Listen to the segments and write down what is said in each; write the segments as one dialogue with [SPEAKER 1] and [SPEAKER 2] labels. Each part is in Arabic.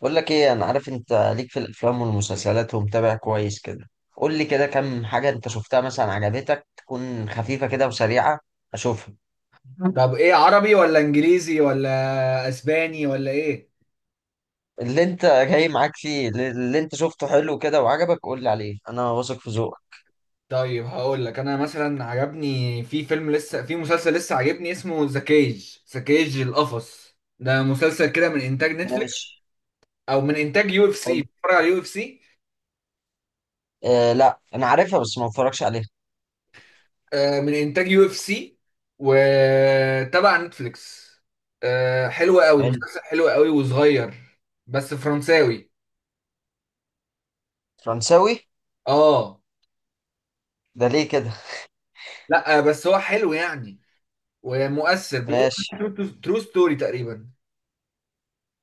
[SPEAKER 1] بقول لك ايه انا عارف انت ليك في الافلام والمسلسلات ومتابع كويس كده. قول لي كده كم حاجه انت شفتها مثلا عجبتك تكون خفيفه كده وسريعه اشوفها.
[SPEAKER 2] طب ايه؟ عربي ولا انجليزي ولا اسباني ولا ايه؟
[SPEAKER 1] اللي انت جاي معاك فيه اللي انت شفته حلو كده وعجبك قول لي عليه، انا واثق في ذوقك.
[SPEAKER 2] طيب هقول لك. انا مثلا عجبني في فيلم لسه، في مسلسل لسه عجبني، اسمه ذا كيج. القفص ده مسلسل كده من انتاج نتفليكس
[SPEAKER 1] ماشي.
[SPEAKER 2] او من انتاج يو اف سي.
[SPEAKER 1] حلو.
[SPEAKER 2] بتفرج على يو اف سي؟
[SPEAKER 1] آه، لا انا عارفها بس ما بتفرجش عليها.
[SPEAKER 2] آه، من انتاج يو اف سي وتبع نتفليكس. آه، حلو قوي،
[SPEAKER 1] حلو.
[SPEAKER 2] مسلسل حلو قوي وصغير، بس فرنساوي.
[SPEAKER 1] فرنساوي.
[SPEAKER 2] اه.
[SPEAKER 1] ده ليه كده؟
[SPEAKER 2] لا بس هو حلو يعني، ومؤثر. بيقول
[SPEAKER 1] ماشي.
[SPEAKER 2] ترو ستوري تقريبا.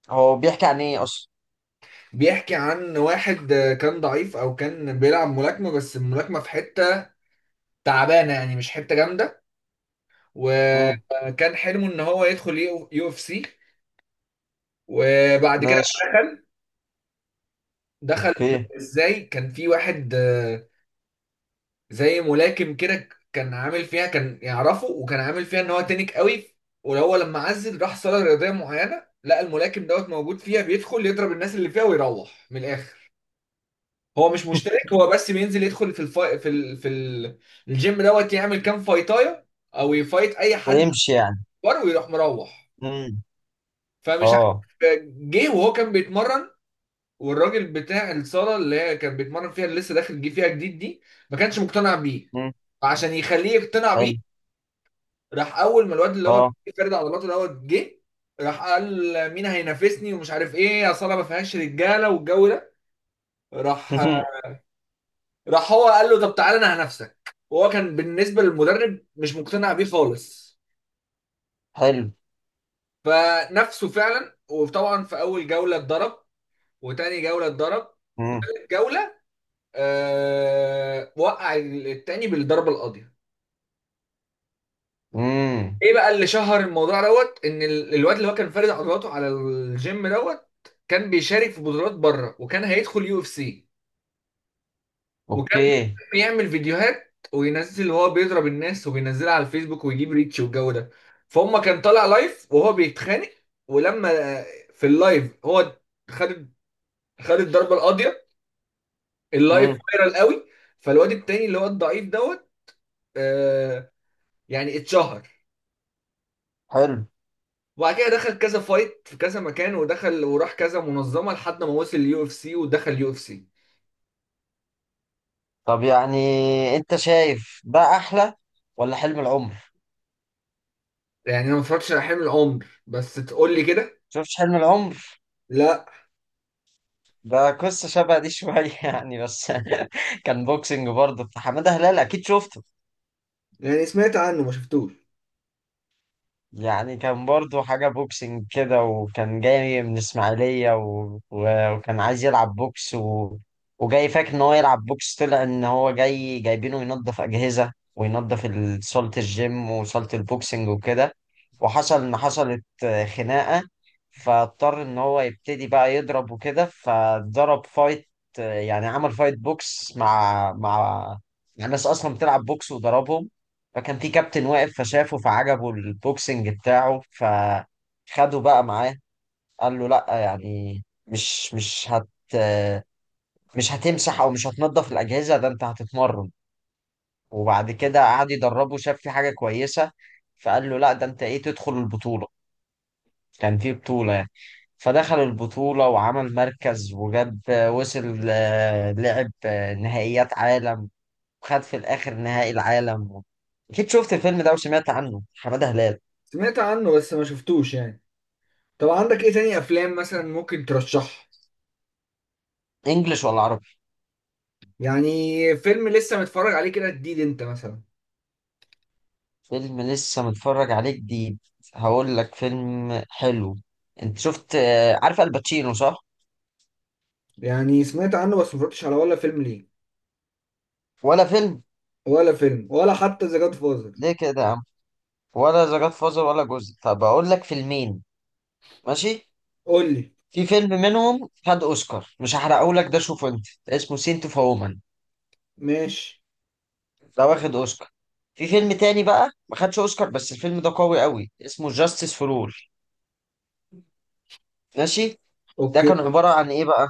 [SPEAKER 1] هو بيحكي عن ايه اصلا؟
[SPEAKER 2] بيحكي عن واحد كان ضعيف، او كان بيلعب ملاكمه، بس الملاكمه في حته تعبانه يعني، مش حته جامده.
[SPEAKER 1] امم.
[SPEAKER 2] وكان حلمه ان هو يدخل يو اف سي. وبعد كده
[SPEAKER 1] ماشي.
[SPEAKER 2] دخل. دخل
[SPEAKER 1] اوكي.
[SPEAKER 2] ازاي؟ كان في واحد زي ملاكم كده، كان عامل فيها، كان يعرفه، وكان عامل فيها ان هو تنك قوي. وهو لما عزل راح صاله رياضيه معينه، لقى الملاكم دوت موجود فيها، بيدخل يضرب الناس اللي فيها ويروح من الاخر. هو مش مشترك، هو بس بينزل يدخل في الفا... في ال... في ال... الجيم دوت، يعمل كام فايتايه او يفايت اي حد
[SPEAKER 1] ويمشي يعني.
[SPEAKER 2] اكبر ويروح مروح.
[SPEAKER 1] امم.
[SPEAKER 2] فمش
[SPEAKER 1] اه.
[SPEAKER 2] عارف، جه وهو كان بيتمرن، والراجل بتاع الصاله اللي هي كان بيتمرن فيها اللي لسه داخل جه فيها جديد دي ما كانش مقتنع بيه.
[SPEAKER 1] امم.
[SPEAKER 2] فعشان يخليه يقتنع
[SPEAKER 1] حلو.
[SPEAKER 2] بيه، راح اول ما الواد اللي هو
[SPEAKER 1] اه.
[SPEAKER 2] فارد عضلاته دوت جه، راح قال: مين هينافسني ومش عارف ايه يا صاله ما فيهاش رجاله والجو ده. راح هو قال له: طب تعالى انا هنافسك. وهو كان بالنسبه للمدرب مش مقتنع بيه خالص.
[SPEAKER 1] حلو.
[SPEAKER 2] فنفسه فعلا، وطبعا في اول جوله اتضرب، وتاني جوله اتضرب، في
[SPEAKER 1] امم.
[SPEAKER 2] تالت جوله آه وقع التاني بالضربه القاضيه.
[SPEAKER 1] امم.
[SPEAKER 2] ايه بقى اللي شهر الموضوع دوت؟ ان الواد اللي هو كان فارد عضلاته على الجيم دوت كان بيشارك في بطولات بره، وكان هيدخل يو اف سي. وكان
[SPEAKER 1] اوكي.
[SPEAKER 2] بيعمل فيديوهات وينزل وهو بيضرب الناس وبينزلها على الفيسبوك ويجيب ريتش والجو ده. فهم كان طالع لايف وهو بيتخانق، ولما في اللايف هو خد خد الضربه القاضيه، اللايف
[SPEAKER 1] امم.
[SPEAKER 2] فايرال قوي. فالواد التاني اللي هو الضعيف دوت آه يعني اتشهر.
[SPEAKER 1] حلو.
[SPEAKER 2] وبعد كده دخل كذا فايت في كذا مكان، ودخل وراح كذا منظمه لحد ما وصل اليو اف سي ودخل اليو اف سي.
[SPEAKER 1] طب يعني انت شايف ده احلى ولا حلم العمر؟
[SPEAKER 2] يعني انا ما اتفرجتش على حلم العمر، بس تقول لي كده.
[SPEAKER 1] شفتش حلم العمر؟
[SPEAKER 2] لا.
[SPEAKER 1] ده قصة شبه دي شوية يعني بس. كان بوكسنج برضه بتاع حمادة هلال، اكيد شفته.
[SPEAKER 2] يعني سمعت عنه ما شفتوش.
[SPEAKER 1] يعني كان برضو حاجة بوكسنج كده، وكان جاي من إسماعيلية وكان عايز يلعب بوكس وجاي فاكر إن هو يلعب بوكس، طلع إن هو جاي جايبينه ينظف أجهزة وينظف صالة الجيم وصالة البوكسنج وكده. وحصل إن حصلت خناقة. فاضطر إن هو يبتدي بقى يضرب وكده فضرب فايت. يعني عمل فايت بوكس مع ناس أصلا بتلعب بوكس وضربهم. فكان في كابتن واقف فشافه فعجبه البوكسنج بتاعه فخده بقى معاه. قال له لا يعني مش هتمسح او مش هتنضف الاجهزه، ده انت هتتمرن. وبعد كده قعد يدربه، شاف في حاجه كويسه. فقال له لا ده انت ايه، تدخل البطوله. كان في بطوله يعني. فدخل البطوله وعمل مركز وجاب، وصل لعب نهائيات عالم. وخد في الاخر نهائي العالم. اكيد شفت الفيلم ده وسمعت عنه، حماده هلال.
[SPEAKER 2] سمعت عنه بس ما شفتوش يعني. طب عندك ايه تاني افلام مثلا ممكن ترشحها؟
[SPEAKER 1] انجلش ولا عربي؟
[SPEAKER 2] يعني فيلم لسه متفرج عليه كده جديد انت مثلا.
[SPEAKER 1] فيلم لسه متفرج عليه جديد. هقول لك فيلم حلو. انت شفت عارف الباتشينو صح؟
[SPEAKER 2] يعني سمعت عنه بس ما اتفرجتش على ولا فيلم ليه.
[SPEAKER 1] ولا فيلم.
[SPEAKER 2] ولا فيلم ولا حتى ذا جاد فازر.
[SPEAKER 1] ليه كده يا عم؟ ولا ذا جاد فازر ولا جزء، طب اقول لك فيلمين. ماشي.
[SPEAKER 2] قول لي.
[SPEAKER 1] في فيلم منهم خد اوسكار، مش هحرقه لك، ده شوفه انت، اسمه سينت اوف وومن.
[SPEAKER 2] ماشي.
[SPEAKER 1] ده واخد اوسكار. في فيلم تاني بقى ما خدش اوسكار، بس الفيلم ده قوي قوي، اسمه جاستس فور اول. ماشي. ده
[SPEAKER 2] اوكي.
[SPEAKER 1] كان عبارة عن ايه بقى؟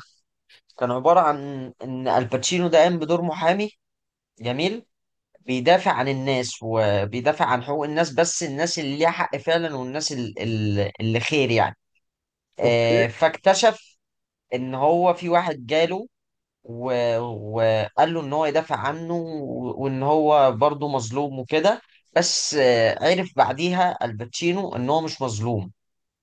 [SPEAKER 1] كان عبارة عن ان الباتشينو ده قام بدور محامي. جميل. بيدافع عن الناس وبيدافع عن حقوق الناس، بس الناس اللي ليها حق فعلا، والناس اللي خير يعني.
[SPEAKER 2] اوكي.
[SPEAKER 1] فاكتشف ان هو في واحد جاله، وقال له ان هو يدافع عنه، وان هو برضه مظلوم وكده. بس عرف بعديها الباتشينو ان هو مش مظلوم.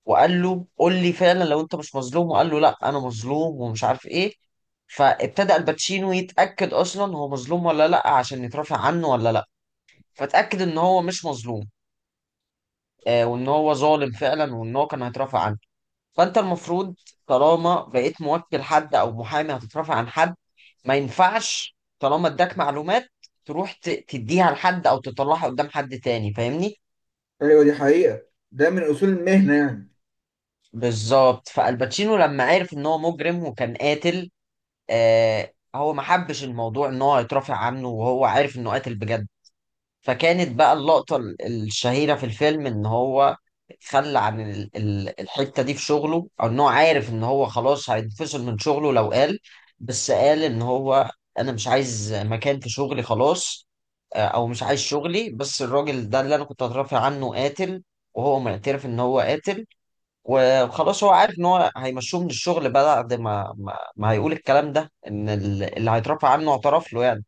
[SPEAKER 1] وقال له قول لي فعلا لو انت مش مظلوم، وقال له لا انا مظلوم ومش عارف ايه. فابتدأ الباتشينو يتأكد اصلا هو مظلوم ولا لا عشان يترافع عنه ولا لا. فاتأكد ان هو مش مظلوم. وان هو ظالم فعلا، وان هو كان هيترافع عنه. فانت المفروض طالما بقيت موكل حد او محامي هتترافع عن حد، ما ينفعش طالما اداك معلومات تروح تديها لحد او تطلعها قدام حد تاني، فاهمني.
[SPEAKER 2] ايوه، دي حقيقة، ده من اصول المهنة يعني.
[SPEAKER 1] بالظبط. فالباتشينو لما عرف ان هو مجرم وكان قاتل، هو ما حبش الموضوع ان هو هيترافع عنه وهو عارف انه قاتل بجد. فكانت بقى اللقطة الشهيرة في الفيلم، إن هو خلى عن الحتة دي في شغله، أو إن هو عارف إن هو خلاص هينفصل من شغله لو قال. بس قال إن هو: أنا مش عايز مكان في شغلي خلاص. أو مش عايز شغلي، بس الراجل ده اللي أنا كنت أترافع عنه قاتل. وهو معترف إن هو قاتل. وخلاص هو عارف إن هو هيمشوه من الشغل بعد ما هيقول الكلام ده، إن اللي هيترافع عنه اعترف له يعني.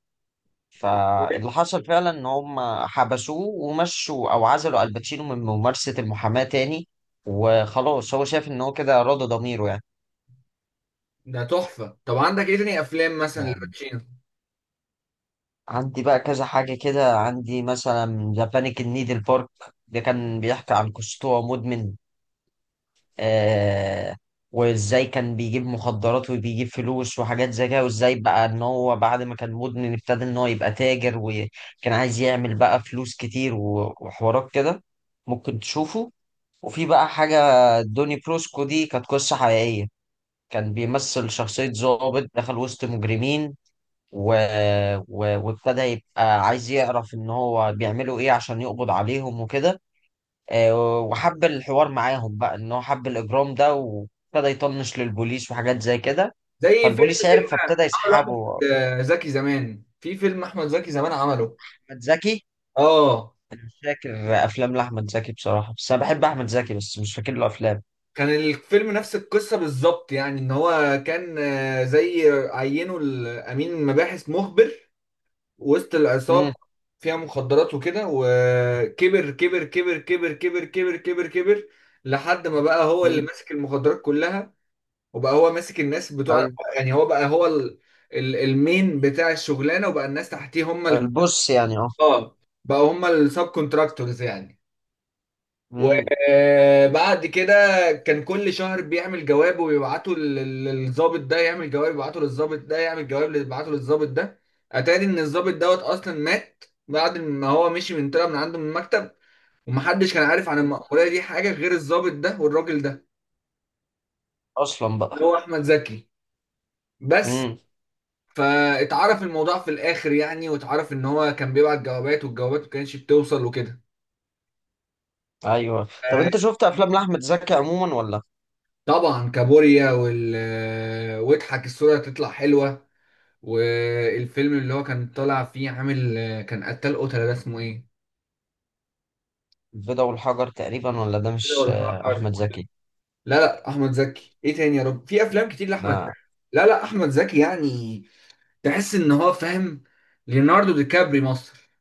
[SPEAKER 1] فاللي حصل فعلا ان هم حبسوه ومشوا، او عزلوا الباتشينو من ممارسة المحاماة تاني. وخلاص هو شايف ان هو كده راضى ضميره يعني.
[SPEAKER 2] ده تحفة. طب عندك ايه تاني افلام مثلا
[SPEAKER 1] يعني
[SPEAKER 2] لباتشينو؟
[SPEAKER 1] عندي بقى كذا حاجة كده، عندي مثلا ذا بانيك ان نيدل بارك. ده كان بيحكي عن قصته وهو مدمن. آه. وازاي كان بيجيب مخدرات وبيجيب فلوس وحاجات زي كده، وازاي بقى ان هو بعد ما كان مدمن ابتدى ان هو يبقى تاجر، وكان عايز يعمل بقى فلوس كتير وحوارات كده. ممكن تشوفه. وفي بقى حاجة، دوني بروسكو، دي كانت قصة حقيقية. كان بيمثل شخصية ضابط دخل وسط مجرمين و... وابتدى يبقى عايز يعرف ان هو بيعملوا ايه عشان يقبض عليهم وكده. وحب الحوار معاهم، بقى ان هو حب الاجرام ده، وابتدى يطنش للبوليس وحاجات زي كده.
[SPEAKER 2] زي فيلم
[SPEAKER 1] فالبوليس عرف،
[SPEAKER 2] كده
[SPEAKER 1] فابتدى
[SPEAKER 2] عمله احمد
[SPEAKER 1] يسحبه.
[SPEAKER 2] زكي زمان، في فيلم احمد زكي زمان عمله.
[SPEAKER 1] احمد زكي.
[SPEAKER 2] اه.
[SPEAKER 1] مش فاكر. افلام لاحمد زكي بصراحة، بس انا بحب احمد زكي، بس مش فاكر له افلام.
[SPEAKER 2] كان الفيلم نفس القصة بالظبط يعني. ان هو كان زي عينه، الامين المباحث، مخبر وسط العصابة،
[SPEAKER 1] امم.
[SPEAKER 2] فيها مخدرات وكده. وكبر كبر كبر كبر كبر كبر كبر كبر لحد ما بقى هو اللي ماسك المخدرات كلها، وبقى هو ماسك الناس بتوع.
[SPEAKER 1] ايوه.
[SPEAKER 2] يعني هو بقى هو المين بتاع الشغلانة، وبقى الناس تحتيه هم ال...
[SPEAKER 1] البص يعني اه.
[SPEAKER 2] اه، بقى هم السب كونتراكتورز يعني.
[SPEAKER 1] مم.
[SPEAKER 2] وبعد كده كان كل شهر بيعمل جواب ويبعته للضابط ده، يعمل جواب يبعته للضابط ده، يعمل جواب يبعته للضابط ده. اتاري ان الضابط دوت اصلا مات بعد ما هو مشي، من طلع من عنده من المكتب. ومحدش كان عارف عن المأمورية دي حاجة غير الضابط ده والراجل ده
[SPEAKER 1] اصلا
[SPEAKER 2] اللي
[SPEAKER 1] بقى.
[SPEAKER 2] هو أحمد زكي بس.
[SPEAKER 1] امم.
[SPEAKER 2] فاتعرف الموضوع في الآخر يعني، واتعرف ان هو كان بيبعت جوابات والجوابات ما كانتش بتوصل وكده.
[SPEAKER 1] ايوه، طب
[SPEAKER 2] آه،
[SPEAKER 1] انت شفت افلام لاحمد زكي عموما ولا؟
[SPEAKER 2] طبعا كابوريا وال آه، واضحك الصورة هتطلع حلوة. والفيلم اللي هو كان طالع فيه عامل كان قتال قتلة ده، اسمه ايه؟
[SPEAKER 1] البيضة والحجر تقريبا، ولا ده
[SPEAKER 2] كده
[SPEAKER 1] مش
[SPEAKER 2] والحجر؟
[SPEAKER 1] احمد زكي؟
[SPEAKER 2] لا لا، احمد زكي ايه تاني يا رب؟ في افلام كتير لاحمد زكي.
[SPEAKER 1] لا.
[SPEAKER 2] لا لا، احمد زكي يعني تحس ان هو فاهم، ليوناردو دي كابري مصر.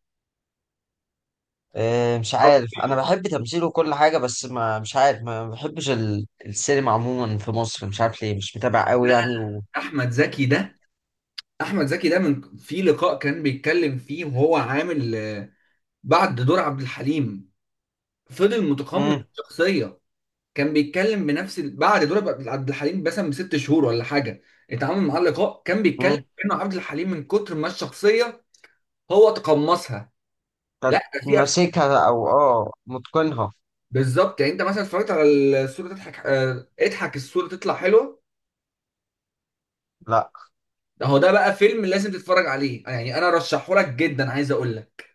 [SPEAKER 1] مش عارف، انا بحب تمثيله كل حاجه، بس ما مش عارف، ما بحبش السينما عموما في مصر، مش عارف ليه، مش متابع قوي يعني و.
[SPEAKER 2] احمد زكي ده من في لقاء كان بيتكلم فيه وهو عامل بعد دور عبد الحليم، فضل متقمص
[SPEAKER 1] امم.
[SPEAKER 2] الشخصية، كان بيتكلم بنفس ال- بعد دور عبد الحليم مثلا بست شهور ولا حاجه اتعامل معاه لقاء كان بيتكلم
[SPEAKER 1] امم.
[SPEAKER 2] انه عبد الحليم من كتر ما الشخصيه هو تقمصها.
[SPEAKER 1] كانت
[SPEAKER 2] لا ده في أف-
[SPEAKER 1] ماسكها او متقنها.
[SPEAKER 2] بالظبط يعني. انت مثلا اتفرجت على الصوره تضحك؟ اه، اضحك الصوره تطلع حلوه.
[SPEAKER 1] لا.
[SPEAKER 2] ده هو ده بقى فيلم لازم تتفرج عليه يعني، انا رشحه لك جدا. عايز اقول لك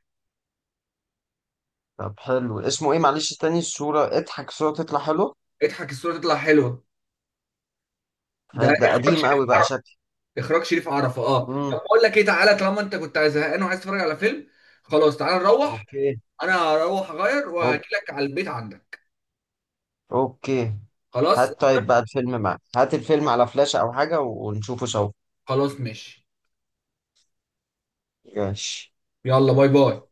[SPEAKER 1] طب حلو، اسمه ايه معلش تاني، الصوره اضحك صوره تطلع حلو.
[SPEAKER 2] اضحك الصوره تطلع حلوه، ده
[SPEAKER 1] ده قديم قوي بقى شكل.
[SPEAKER 2] اخراج شريف عرفة. اه. طب
[SPEAKER 1] امم.
[SPEAKER 2] بقول لك ايه، تعالى طالما انت كنت زهقان وعايز تتفرج على فيلم خلاص تعالى نروح.
[SPEAKER 1] اوكي.
[SPEAKER 2] انا هروح اغير وهجيلك على البيت عندك.
[SPEAKER 1] اوكي.
[SPEAKER 2] خلاص.
[SPEAKER 1] هات طيب بقى الفيلم معاك، هات الفيلم على فلاشة او حاجة ونشوفه سوا.
[SPEAKER 2] خلاص ماشي.
[SPEAKER 1] ماشي.
[SPEAKER 2] يلا باي باي.